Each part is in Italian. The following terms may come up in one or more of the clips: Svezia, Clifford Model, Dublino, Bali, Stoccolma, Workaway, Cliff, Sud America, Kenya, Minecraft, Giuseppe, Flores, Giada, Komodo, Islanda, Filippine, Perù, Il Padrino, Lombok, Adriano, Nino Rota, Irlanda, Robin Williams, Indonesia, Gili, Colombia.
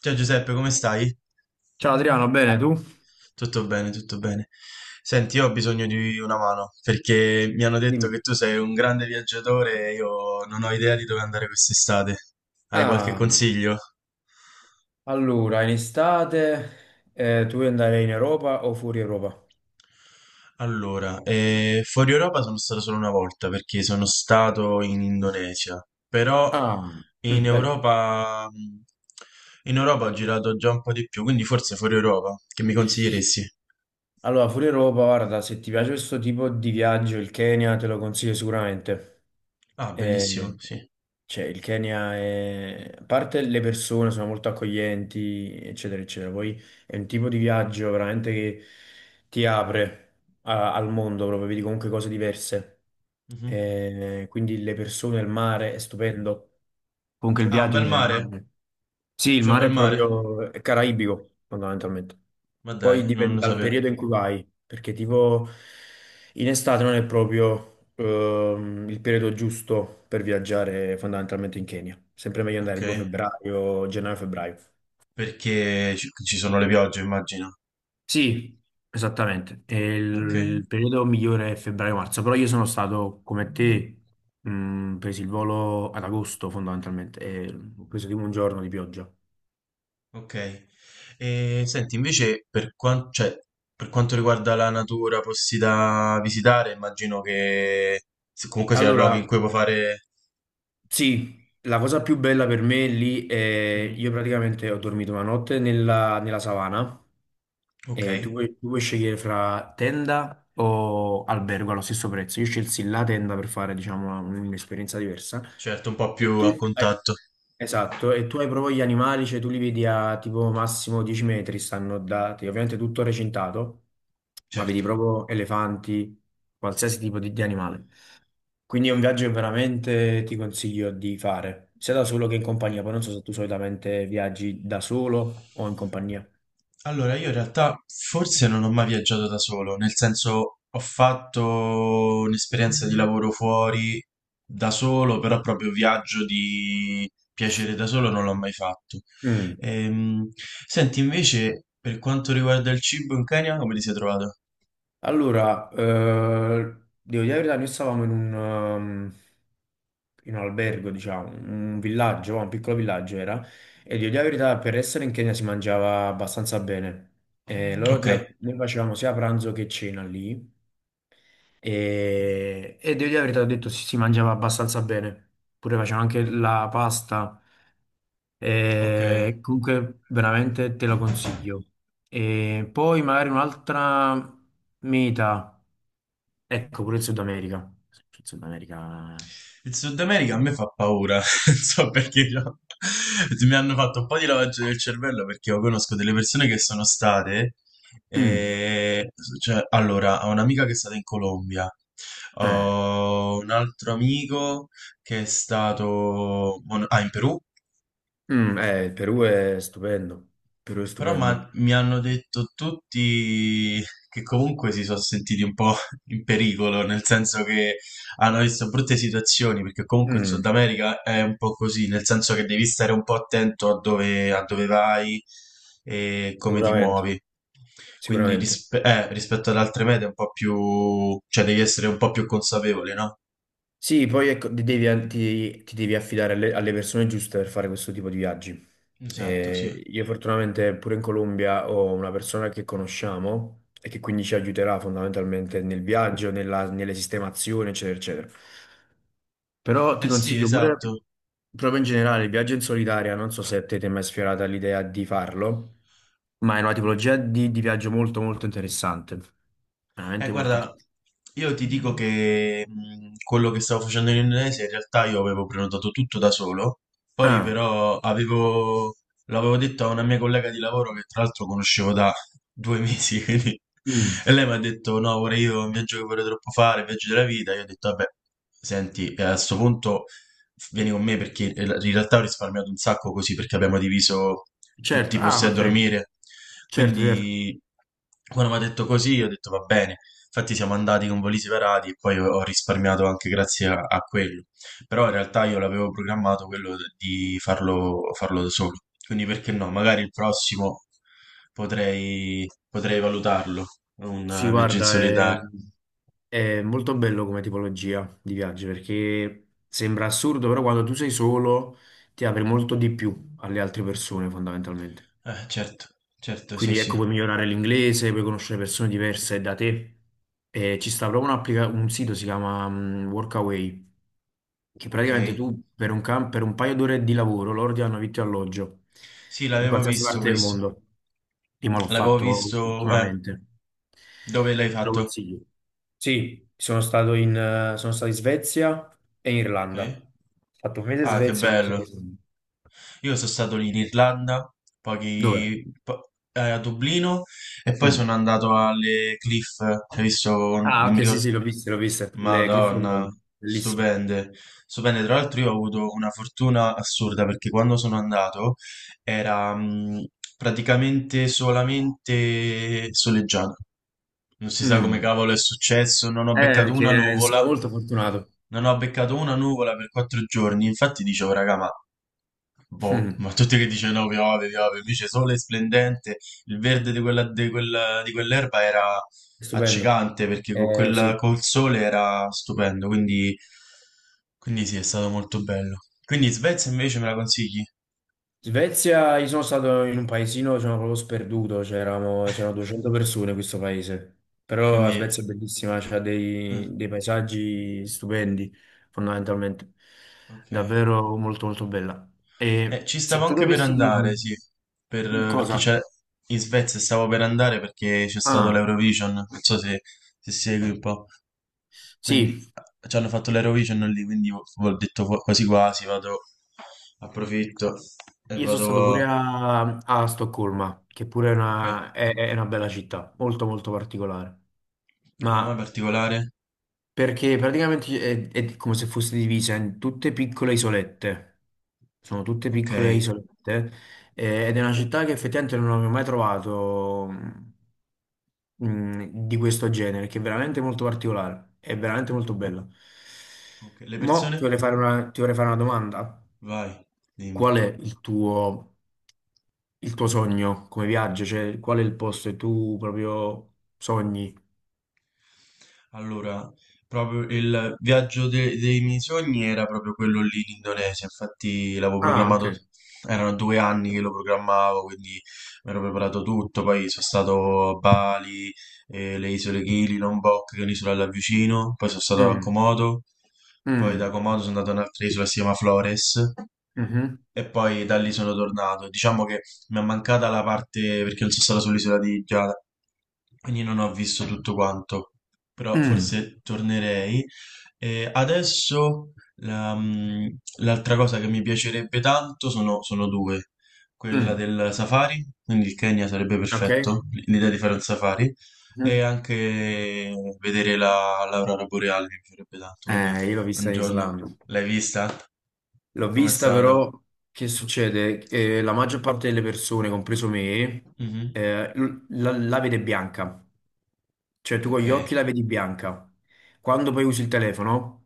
Ciao Giuseppe, come stai? Ciao Adriano, bene tu? Tutto bene, tutto bene. Senti, io ho bisogno di una mano perché mi hanno detto Dimmi. che tu sei un grande viaggiatore e io non ho idea di dove andare quest'estate. Hai qualche Ah, consiglio? allora, in estate tu vuoi andare in Europa o fuori Europa? Allora, fuori Europa sono stato solo una volta perché sono stato in Indonesia, però Ah, in mm, bello. Europa, in Europa ho girato già un po' di più, quindi forse fuori Europa, che mi consiglieresti? Allora, fuori Europa, guarda, se ti piace questo tipo di viaggio, il Kenya te lo consiglio sicuramente. Ah, bellissimo, Eh, sì. Cioè, il Kenya è... A parte le persone sono molto accoglienti, eccetera, eccetera. Poi è un tipo di viaggio veramente che ti apre al mondo, proprio vedi comunque cose diverse. Mhm. Quindi le persone, il mare è stupendo. Comunque il Ah, un viaggio in bel mare. generale. Sì, il C'è un mare bel è mare? proprio è caraibico, fondamentalmente. Ma Poi dai, non dipende lo dal sapevo. periodo in cui vai, perché tipo in estate non è proprio il periodo giusto per viaggiare fondamentalmente in Kenya. Sempre meglio andare Ok. tipo febbraio, gennaio-febbraio. Perché ci sono le piogge, immagino. Sì, esattamente. E Ok. Mhm. il periodo migliore è febbraio-marzo, però io sono stato come te, presi il volo ad agosto fondamentalmente e ho preso tipo un giorno di pioggia. Ok. E senti, invece, cioè, per quanto riguarda la natura, posti da visitare, immagino che comunque sia luoghi in Allora, cui puoi fare. sì, la cosa più bella per me lì è Mhm. io praticamente ho dormito una notte nella savana Ok. e tu puoi scegliere fra tenda o albergo allo stesso prezzo. Io scelsi la tenda per fare, diciamo, un'esperienza diversa. Certo, un po' E più tu a hai- contatto. esatto, e tu hai proprio gli animali, cioè tu li vedi a tipo massimo 10 metri, stanno dati, ovviamente tutto recintato, ma vedi Certo. proprio elefanti, qualsiasi tipo di animale. Quindi è un viaggio che veramente ti consiglio di fare, sia da solo che in compagnia. Poi Ok. non so se tu solitamente viaggi da solo o in compagnia. Allora, io in realtà forse non ho mai viaggiato da solo, nel senso ho fatto un'esperienza di lavoro fuori da solo, però proprio viaggio di piacere da solo non l'ho mai fatto. Mm. Ehm, Senti, invece, per quanto riguarda il cibo in Kenya, come ti sei trovato? Allora, devo dire la verità, noi stavamo in un albergo, diciamo, un villaggio, un piccolo villaggio era, e devo dire la verità, per essere in Kenya si mangiava abbastanza bene. E Ok, noi facevamo sia pranzo che cena lì, e devo dire la verità, ho detto si mangiava abbastanza bene. Pure facevano anche la pasta. ok. E comunque veramente te lo consiglio. E poi magari un'altra meta. Ecco, pure il Sud America. Il Sud America. Il Sud America a me fa paura, non so perché mi hanno fatto un po' di lavaggio del cervello perché io conosco delle persone che sono state, Mm, e, cioè, allora, ho un'amica che è stata in Colombia, eh, ho un altro amico che è stato, ah, in Perù, mm, il Perù è stupendo. Il Perù è però stupendo. Mi hanno detto tutti che comunque si sono sentiti un po' in pericolo, nel senso che hanno visto brutte situazioni, perché comunque il Sud Mm, America è un po' così, nel senso che devi stare un po' attento a dove vai e come ti sicuramente, muovi. Quindi sicuramente. Rispetto ad altre mete è un po' più, cioè devi essere un po' più consapevole, no? Sì, poi ecco, ti devi affidare alle persone giuste per fare questo tipo di viaggi. Esatto, sì. Io fortunatamente pure in Colombia ho una persona che conosciamo e che quindi ci aiuterà fondamentalmente nel viaggio, nelle sistemazioni, eccetera, eccetera. Però ti Eh sì, consiglio pure, esatto. proprio in generale, il viaggio in solitaria, non so se a te ti è mai sfiorata l'idea di farlo, ma è una tipologia di viaggio molto molto interessante. Veramente molto Guarda, interessante. io ti dico che quello che stavo facendo in Indonesia in realtà io avevo prenotato tutto da solo, poi Ah, però l'avevo detto a una mia collega di lavoro che tra l'altro conoscevo da 2 mesi, quindi, mm, e lei mi ha detto no, vorrei io un viaggio che vorrei troppo fare, un viaggio della vita, io ho detto vabbè, senti, a sto punto vieni con me perché in realtà ho risparmiato un sacco così perché abbiamo diviso tutti i certo, posti ah, a ok. dormire. Certo, certo. Quindi quando mi ha detto così, ho detto va bene. Infatti siamo andati con voli separati e poi ho risparmiato anche grazie a quello. Però in realtà io l'avevo programmato quello di farlo, farlo da solo. Quindi perché no? Magari il prossimo potrei valutarlo, un Sì, viaggio in guarda, solitario. è molto bello come tipologia di viaggio perché sembra assurdo, però quando tu sei solo ti apri Mm. molto di più alle altre persone, fondamentalmente. Certo, certo, sì, Quindi ecco, sì. puoi migliorare l'inglese, puoi conoscere persone diverse da te. E ci sta proprio un sito, si chiama Workaway, che Ok. praticamente tu per per un paio d'ore di lavoro loro ti hanno vitto e alloggio Sì, in l'avevo qualsiasi visto parte del questo. mondo. Io me l'ho L'avevo fatto visto, ultimamente. dove l'hai Te lo fatto? consiglio. Sì, sono stato sono stato in Svezia e in Irlanda. Ok. Ho fatto un mese in Ah, che Svezia e un mese in bello. Irlanda. Io sono stato lì in Irlanda, a Dublino e poi Dove? sono andato alle Cliff, hai visto? Non Ah, mi ok, sì, ricordo. sì, l'ho viste, l'ho viste. Le Clifford Madonna, Model, bellissimo. stupende. Stupende, tra l'altro io ho avuto una fortuna assurda perché quando sono andato era praticamente solamente soleggiato. Non si sa come Mm. cavolo è successo, non ho beccato una Che è stato nuvola, molto fortunato. non ho beccato una nuvola per 4 giorni. Infatti dicevo, raga, ma boh, Mm. ma tutti che dicono "No, piove, piove, invece sole splendente, il verde di quell'erba era Stupendo. accecante perché con quel, Sì. col sole era stupendo, quindi, quindi sì, è stato molto bello. Quindi Svezia invece me la consigli? Svezia, io sono stato in un paesino, sono proprio sperduto, c'erano 200 persone in questo paese. Però la Svezia Quindi, è bellissima, c'ha mm, dei paesaggi stupendi, fondamentalmente. ok. Davvero molto, molto bella. E Ci se stavo tu anche per dovessi andare, dirmi sì, per, perché cosa? c'è in Svezia stavo per andare perché c'è stato Ah, l'Eurovision, non so se segui un po'. Quindi sì, ci hanno fatto l'Eurovision lì, quindi ho detto quasi quasi, vado, approfitto e io sono stato vado... pure a- a Stoccolma, che pure è Ok, è una bella città, molto molto particolare. come mai Ma particolare? perché praticamente è come se fosse divisa in tutte piccole isolette. Sono tutte Ok, piccole isolette. Eh, ed è una città che effettivamente non avevo mai trovato mm, di questo genere, che è veramente molto particolare. È veramente molto bella. ok, le Mo' persone? ti vorrei fare ti vorrei fare una domanda. Vai, dimmi. Qual è il tuo Il tuo sogno come viaggio, cioè qual è il posto che tu proprio sogni? Allora, proprio il viaggio dei miei sogni era proprio quello lì in Indonesia, infatti l'avevo Ah, ok. programmato, erano 2 anni che lo programmavo, quindi mi ero preparato tutto, poi sono stato a Bali, le isole Gili, Lombok, che è un'isola là vicino, poi sono stato a Mm, Komodo, poi da mm, Komodo sono andato a un'altra isola che si chiama Flores, mhm, e poi da lì sono tornato. Diciamo che mi è mancata la parte perché non sono stato sull'isola di Giada, quindi non ho visto tutto quanto però mm, forse tornerei. E adesso l'altra cosa che mi piacerebbe tanto sono due. Quella mm. del safari, quindi il Kenya sarebbe Ok. perfetto, l'idea di fare un safari, e Mhm. anche vedere l'aurora boreale mi piacerebbe tanto, quindi Io l'ho un vista in giorno Islanda. l'hai vista? L'ho Com'è vista stato? però, che succede? La maggior parte delle persone, compreso me, Mhm. La, la vede bianca. Cioè tu con Ok, gli occhi la vedi bianca. Quando poi usi il telefono...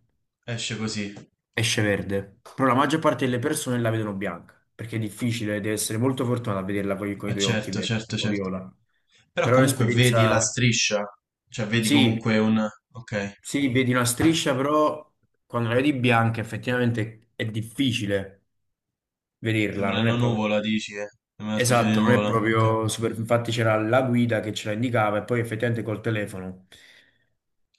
esce così. esce verde, però la maggior parte delle persone la vedono bianca, perché è difficile, devi essere molto fortunato a vederla poi con i tuoi occhi Certo, verdi certo, o certo. viola. Però Però è comunque vedi la un'esperienza, striscia, cioè vedi sì, comunque un. Ok, sì, vedi una striscia, però quando la vedi bianca effettivamente è difficile vederla, sembra non è una proprio... nuvola, dici, eh? Sembra una specie di Esatto, non è nuvola, ok. proprio super... Infatti c'era la guida che ce la indicava e poi effettivamente col telefono.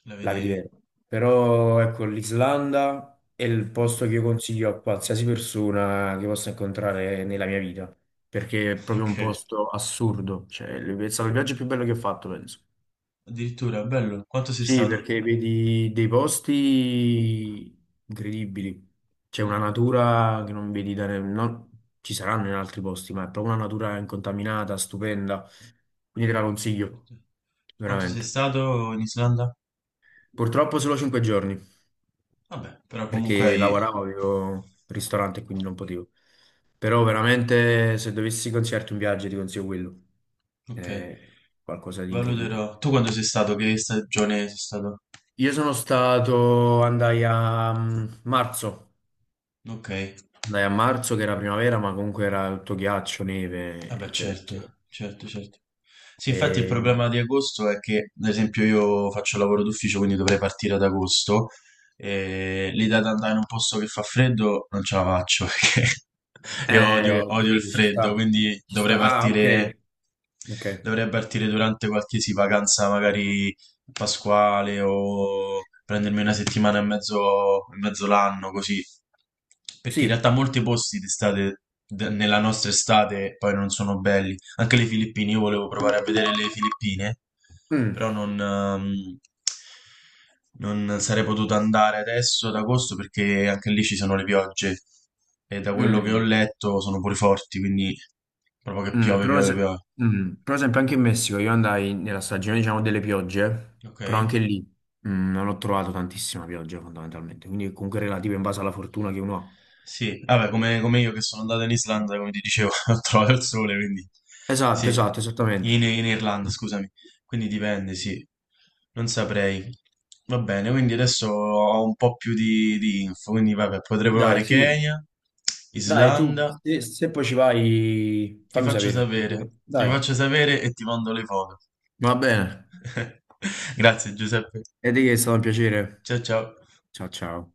La La vedi vedevi. vera. Però ecco, l'Islanda è il Mhm. posto che io consiglio a qualsiasi persona che possa incontrare nella mia vita, perché è proprio un Ok, posto assurdo, cioè è stato il viaggio più bello che ho fatto, penso. addirittura, bello. Quanto sei Sì, stato? perché vedi dei posti incredibili, c'è una Mm. natura che non vedi da... ci saranno in altri posti, ma è proprio una natura incontaminata, stupenda, quindi te la consiglio, Quanto sei veramente. stato in Islanda? Purtroppo solo 5 giorni. Vabbè, però comunque Perché hai. lavoravo, avevo un ristorante, quindi non potevo. Però veramente se dovessi consigliarti un viaggio ti consiglio quello. Ok, È qualcosa di incredibile. valuterò. Tu quando sei stato? Che stagione sei stato? Io sono stato, marzo, Ok. andai a marzo che era primavera, ma comunque era tutto ghiaccio, Ah neve, beh, eccetera, eccetera. certo, certo, certo. Sì, infatti il E, problema di agosto è che, ad esempio, io faccio lavoro d'ufficio, quindi dovrei partire ad agosto e l'idea di andare in un posto che fa freddo non ce la faccio perché io odio, ho odio il capito, ci freddo, sta, quindi ci sta. Ah, ok, ok. dovrei partire durante qualsiasi vacanza magari pasquale o prendermi una settimana e mezzo l'anno, così. Perché in Sì, realtà molti posti d'estate, nella nostra estate, poi non sono belli. Anche le Filippine, io volevo provare a vedere le Filippine, mm, però non sarei potuto andare adesso ad agosto perché anche lì ci sono le piogge. E da quello che ho mm. letto sono pure forti, quindi proprio che Mm, piove, però, piove, se- piove. Però sempre anche in Messico io andai nella stagione, diciamo, delle piogge, Ok? però anche lì non ho trovato tantissima pioggia fondamentalmente, quindi comunque relativo in base alla fortuna che uno ha. Sì, vabbè, come io che sono andato in Islanda, come ti dicevo, ho trovato il sole, quindi sì, Esatto, esatto, esattamente. in Irlanda, scusami, quindi dipende, sì, non saprei. Va bene, quindi adesso ho un po' più di info, quindi vabbè, potrei Dai, provare sì. Kenya, Dai, Islanda, se, se poi ci vai, ti fammi faccio sapere. sapere, ti Dai. faccio sapere e ti mando le foto. Va bene. Grazie Giuseppe. E di che è stato un piacere. Ciao ciao. Ciao, ciao.